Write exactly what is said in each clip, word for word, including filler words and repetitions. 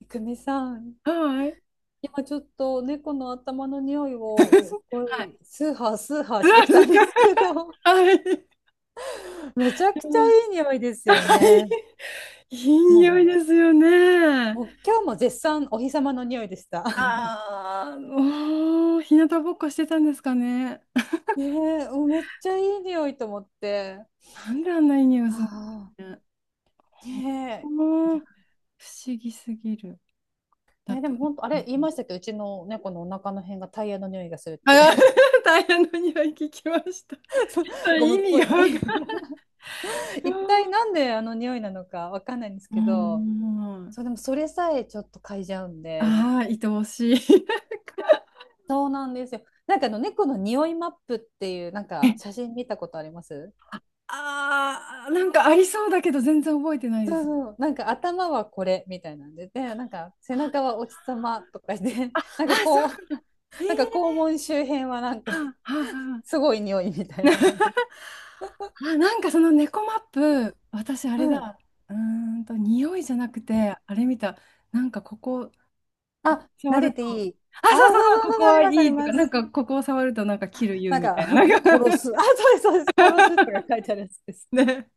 いくみさん、はい。はい。今ちょっと猫の頭の匂いをすご いスーハースーハーすしてきたんですけど、ごい めちゃくちゃはい。いい匂いですよはい。ね。いい匂いもですよう、ね。もう今日も絶賛お日様の匂いでした。ああ、おー、日向ぼっこしてたんですかね。ねえ、もうめっちゃいい匂いと思って。なんであんないい匂いがするんあうね。あ、ねえ。いもやう不思議すぎる。だね、っでて、も本当、あれ言いましたっけど、うちの猫のお腹の辺がタイヤの匂いがするって、あー、大変な匂い聞きました。そ ゴれム意っ味ぽがわい。かんない。一体なんであの匂いなのかわかんないんですうけど、ん。そう、でもそれさえちょっと嗅いじゃうんで。ああ、愛おしい。そうなんですよ。なんかあの猫の匂いマップっていうなんか写 真見たことあります？あー、なんかありそうだけど全然覚えてないでそうす。そう。なんか頭はこれみたいなんで、で、なんか背中あ、はお日様とかで、あ、あなんかそうこう、なんだ。えー、なんか肛門周辺はなんかはあ、はあ、はあ。すごい匂いみたいな、なんか。あ、なんかその猫マップ、私あうれん。だ。うーんと、匂いじゃなくて、あれ見た。なんかここ、ここあ、触撫るでてと、いい。あ、あ、そそううそそうそう、うこそうこそう、ありはいます、ありいとか、まなんす。かここを触るとなんか切る言うなんみか、たいな。な ん殺か す。あ、そうです、そうです。殺すとか書いてあるやつです。ね。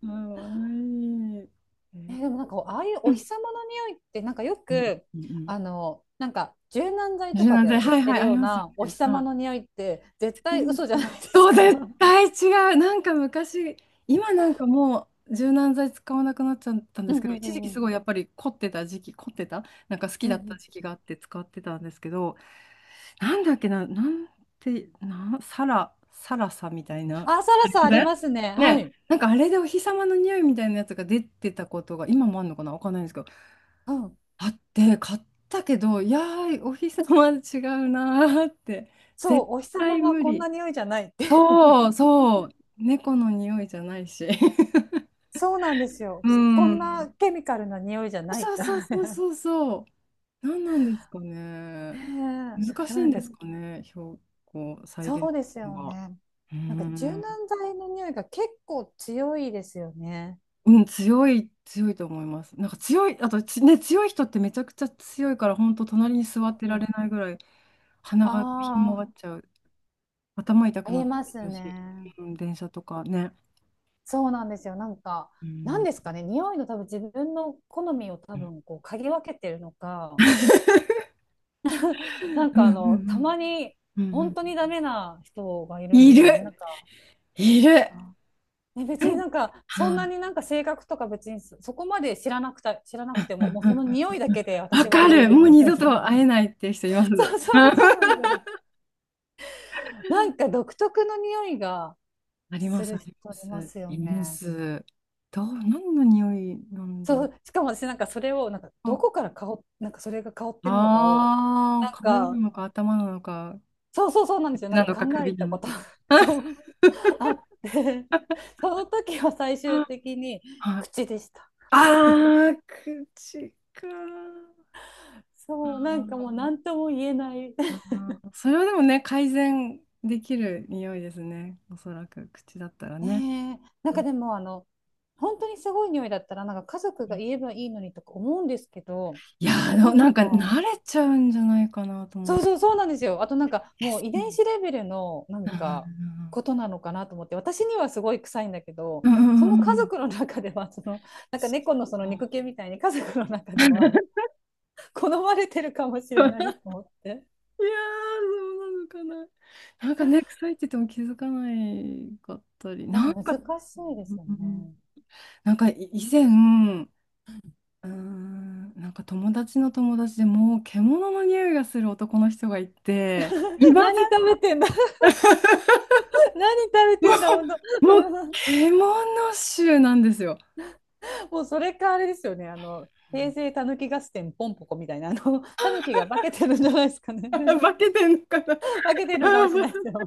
か わいい。ええー。ーでもなんかああいううおん日様の匂いってなんかようんくうんうん。あのなんか柔軟剤と柔か軟剤、で売っはいてはい、るあよりうますよなお日ね。様の匂いって絶違対う。嘘じゃないですそう、か。絶 対違う。なんか昔、今なんかもう柔軟剤使わなくなっちゃったんでうんすけうど、んう一時期んうすんごいやっぱり凝ってた時期、凝ってた、なんか好きうんだっうたん、時期があって使ってたんですけど、なんだっけな、なんて、な、サラ、サラサみたいな。ああ、サラりサまありせんますね。はね、い。なんかあれでお日様の匂いみたいなやつが出てたことが、今もあるのかな、わかんないんですけど、うん。あって、買ったけど、いやー、お日様は違うなーって、そ絶う、お日様対は無こん理。な匂いじゃないって。そう、そう。猫の匂いじゃないし。そうなんですよ。うこんなん。ケミカルな匂いじゃないっそうて。そうそうそう そう。何なんですかね。ねえ、難でしもいなんんでかすかね、標高再現そうですのよが。ね。うーなんか柔ん、軟剤の匂いが結構強いですよね。うん、強い、強いと思います。なんか強い、あとち、ね、強い人ってめちゃくちゃ強いから、本当隣に座ってうられん、ないぐらい、鼻がひん曲ああ。がっちゃう。頭痛あくなりってまきすたし、ね。うん、電車とかね。そうなんですよ。なんか、うなんん、ですかね、匂いの多分自分の好みを 多うん分こう嗅ぎ分けてるのか、なんうんかうあの、たんまにうん。うんう本ん。当にダメな人がいるんいですよね。なんる、か、いる。あね、別になんか、はそんない。になんか性格とか別にそそこまで知らなくた、知らなくてうんも、もううそのん匂いだうんけでうん。わ私はか言える。もる う 二み度たいとな。会えないって人います。うそん。うそうそうなんですよね。なんか独特の匂いがありますす、ある人りまいます。すよいまね。す。どう、何の匂いなんだそろうしかも私なんかそれをなんかどこう。から香っなんかそれが香ってるのかをああー、なん体なかのか頭なのか、そうそうそうなんで口すよ、なんなかの考かえ首なたのこと か。そうあって、その時は最終あ的にあ。口でした。あー、口か。あそう、なんかもう何ー。とも言えない、あー、それはでもね、改善できる匂いですね。おそらく口だったらね。ねえ、なんうかん。でもあの本当にすごい匂いだったらなんか家族が言えばいいのにとか思うんですけど、いやー、でなもんなんかか慣れちゃうんじゃないかなと思そっうそて。うそうなんですよ。あとなんかもう遺う伝ん子レベルのなんかことなのかなと思って、私にはすごい臭いんだけど、うんうそのんうん家うん。 族の中では、そのなんか猫のその肉球みたいに家族の中 いではや好まれてるかもしれないー、と思って、そうなのかな。なんかね、臭いって言っても気づかないかったり、いやなん難しか、いですようん。ね。なんかい以前、うーん、なんか友達の友達でもう獣の匂いがする男の人がいて、いま何せん。食べてんだ？ 何食べもてんだ本当。 う、もう獣臭なんですよ。もうそれかあれですよね、あの平成たぬき合戦ポンポコみたいな、あのたぬきが化けてるんじゃないですかね。 化けてんのかな。 化けてるのか もしれないですよ。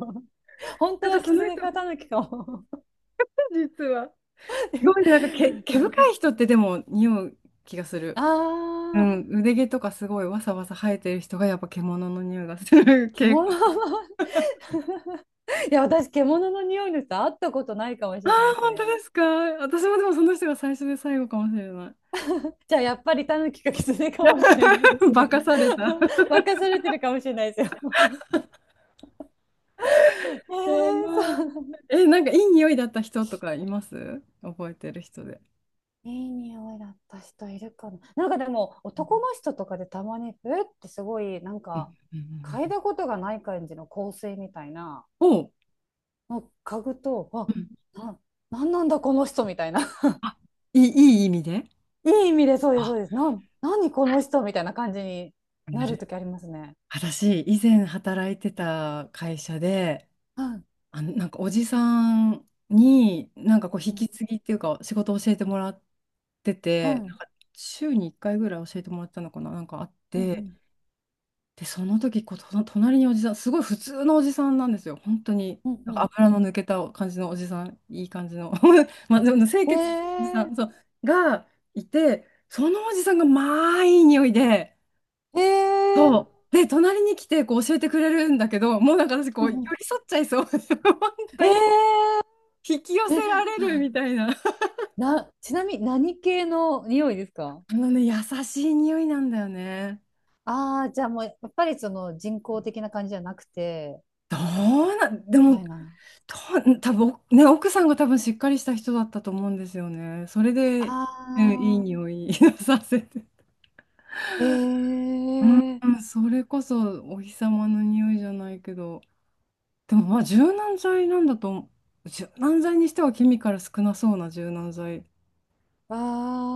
本なん当かはその狐人、かタヌキかも。実は。すごいね、なんか毛、毛 深い人ってでも匂う気がすある。うあ、ん、腕毛とかすごいわさわさ生えてる人がやっぱ獣の匂いがする傾獣向。の、いや、私、獣の匂いの人、会ったことないかもしあれないあ、です本当ね。ですか。私もでもその人が最初で最後かもしれない。じゃあ、やっぱりタヌキか狐かもしれないで す化ね。かされた。任されてるかもしれないですよ。えやー、そうばい。なの。え、なんかいい匂いだった人とかいます、覚えてる人で。いい匂いだった人いるかな。なんかでも、う男んの人とかでたまに、えってすごい、なんうか、んうんうん嗅ういん。だことがない感じの香水みたいな、おう、もう嗅ぐと、うあ、ん。な、なんなんだこの人みたいな。あ、いい、いい意味で。いい意味でそうです、そあ、うです。なん、何この人みたいな感じにななるとる。きありますね。私、以前働いてた会社で、はい、あの、なんかおじさんに、なんかこう、う引きん、継ぎっていうか、仕事を教えてもらってはて、い、なんか週にいっかいぐらい教えてもらったのかな、なんかあっうて、ん、で、その時こう、と隣におじさん、すごい普通のおじさんなんですよ、本当に。うん、なんうかん、油の抜けた感じのおじさん、いい感じの、まあ、でも清うん。潔なおじさえん、そう、がいて、そのおじさんが、まあ、いい匂いで、ー、えそー、う。で、隣に来てこう教えてくれるんだけど、もうなんか私こうう寄んうん、り添っちゃいそう。本当にえ引き寄ー、せえ、られるみたいな。な、ちなみに何系の匂いですか？あのね、優しい匂いなんだよね。ああー、じゃあもう、やっぱりその人工的な感じじゃなくて、どうなでみたも、いな。と、多分ね、奥さんが多分しっかりした人だったと思うんですよね。それで、あうん、いいあ、匂い させて。ええ、うん、それこそお日様の匂いじゃないけど、でもまあ柔軟剤なんだと思う、柔軟剤にしてはケミカル少なそうな柔軟剤。あ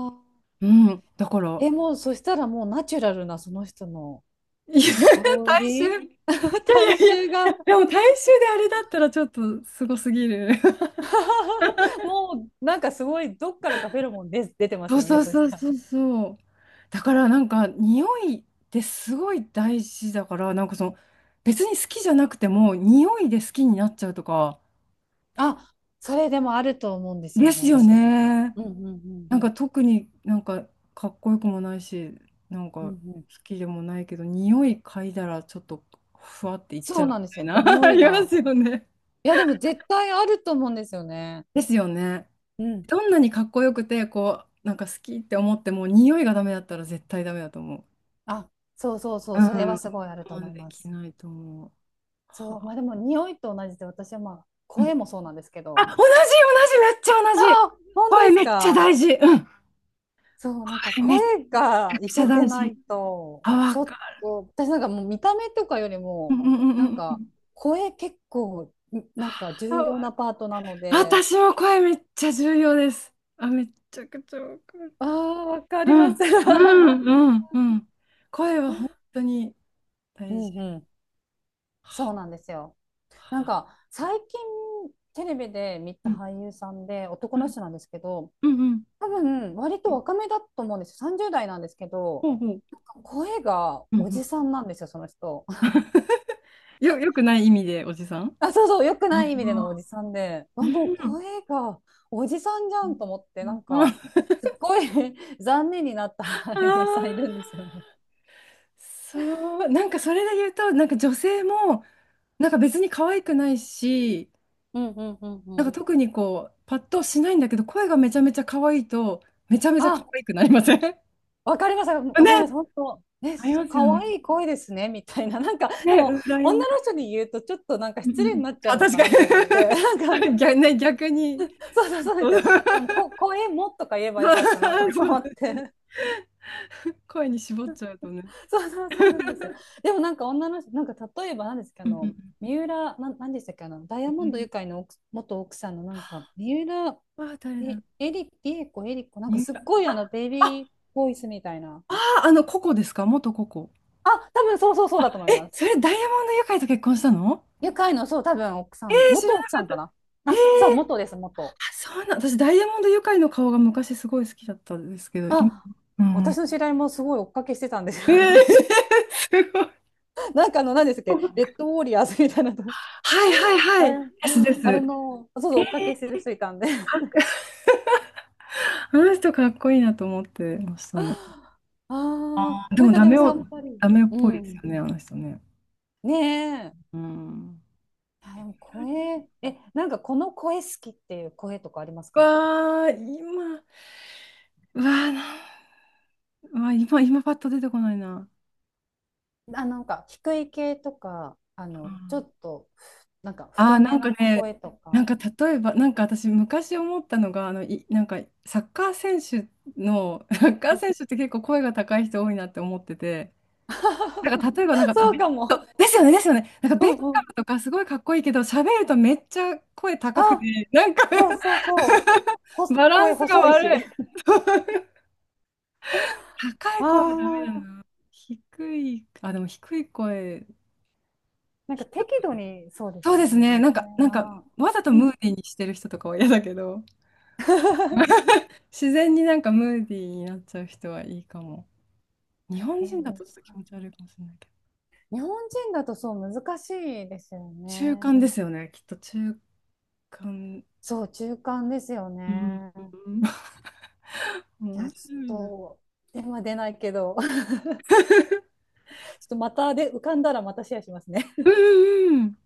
あ、うん、だから。え、もうそしたらもうナチュラルなその人のいや、香大衆。り、い や体いやいや、い臭が。 やでも大衆であれだったらちょっとすごすぎる。もうなんかすごいどっからかフェロモンで出て まそすうよそね、うそしそうたら。そうそう。だからなんか匂いってすごい大事だから、なんかその別に好きじゃなくても匂いで好きになっちゃうとかあ、それでもあると思うんですでよね、すよ私も。ね。うんうんうんなんか特になんかかっこよくもないし、なんうんか好うん、きでもないけど、匂い嗅いだらちょっとふわっていっちそゃううみなんですたいよ。な、匂あいりますが。よね。いや、でも絶対あると思うんですよね。ですよね。うん、どんなにかっこよくて、こう、なんか好きって思っても、匂いがダメだったら絶対ダメだと思あ、そうそうそう。うう、それん。は我すごいあると思慢いでまきす。ないと思う。はそう、あ、まあでも匂いと同じで、私はまあうん、声もそうなんですけあ、ど。同じ、同じ、めっちゃあ同じ。あ、本当声ですめっちゃか。大事。うん。そう、なんか声めっ声がいちゃけて大な事。いと、あ、わちょっかと、私なんかもう見た目とかよりる。うんうも、んうなんんうかん。声結構、なんかあ重わ、要なパートなので、私も声めっちゃ重要です。あ、めっちゃくちゃわかる。ああ、わかうります。ん、う ん、うん、うん。声は本当にう大事。んうん、そうなはんですよ。なんは。か最近テレビで見うたん、俳優さんで男の人なんですけど、うん、うん。多分割うとん。若めだと思うんですよ。さんじゅう代なんですけど、ほうほう。なんか声がうんうおん。じさんなんですよ、その人。よ、よくない意味で、おじさん。あ、そうそう、良くない意味でのあおあじさんで、あ、もうー、声がおじさんじゃうんと思って、なん。んあか、すっごい 残念になったあ、俳優さんいるんですよね。そう、なんかそれで言うと、なんか女性も、なんか別に可愛くないし、うんうんうんうなんかん。特にこう、パッとしないんだけど、声がめちゃめちゃ可愛いと、めちゃめちゃ可あ、愛くなりません ね、わかりました、わかります、本当。え、ありますよ可ね。愛い声ですね、みたいな。なんか、でね、も、羨女ましのい。人に言うと、ちょっとなんか うんう失んう礼にん。なっちゃうあ、の確かかなと思って、なんか、に。 逆、ね、逆に、そうそうそうでそすうよ。あの、こ、声もとか言えばよそかったなとうかそ思う。って。声に絞っちゃうとね。そうそうそうなんですよ。でもなんか女の人、なんか例えば何ですか、あうんの、う三浦、なん、なんでしたっけ、あの、ダイヤんうモンドユん。カイの奥元奥さんのなんか、三浦、あ、誰だろえ、う。エリ、リエコ、エリコ、なんかに。すっごいあの、ベイあ、ビーボイスみたいな。あー、あの、ココですか、元ココ。あ、多分そうそうそうあ、だと思いえ、ます。それダイヤモンドユカイと結婚したの。ユカイの、そう、多分奥さえん、ー、知ら元な奥さかっんた。かな。えー、あ、そう、元あ、です、元。そうなん、私ダイヤモンドユカイの顔が昔すごい好きだったんですけど、今、あ、う私ん。の知り合いもすごい追っかけしてたんですよ。えー、すごい。なんかあの、何でしたっけ、レッドウォーリアーズみたいなとはいはいはあれ、い。ですであす。れの、そうそう、え追っかー、けしてる人いたんで。あ、あの人かっこいいなと思ってましたね。ああー、でなんもかダでメもさっを、ぱり。ダメっうぽいですん。よね、あの人ね。ねえ。うん。あでも声、え、なんかこの声好きっていう声とかありますか？わあ、今、うわあ、な、うわあ、今、今パッと出てこないな。あ、なんか低い系とか、あうの、ちょん。っと、なんかああ、太なめんかなね、声となんか。か例えば、なんか私昔思ったのが、あの、い、なんかサッカー選手の、サッカうーん。 選手って結構声が高い人多いなって思ってて、なんか例えばなんか、ベそうッかも。カですよね、ですよね。なんかうベッんカムうん。とかすごいかっこいいけど、喋るとめっちゃ声高くあ、て、なんか そうそうそう。ほ、バラ声ンスが細いし。悪い。高いあ声はダメだあ、な。低い、あ、でも低い声、なんか低い。適度にそうでそうすよですね。ね、な低んか、めなんかな。わざとうムーん。ディーにしてる人とかは嫌だけど。自然になんかムーディーになっちゃう人はいいかも。日本え人だー、とちょっと気持ち悪いかもしれないけど。日本人だとそう難しいですよ中ね。間ですよね、きっと中間。そう、中間ですようん。ね。うん。 い面や、ち白いな。ょっと、電話出ないけど、ちょっとまたで浮かんだらまたシェアしますね。うんうんうん。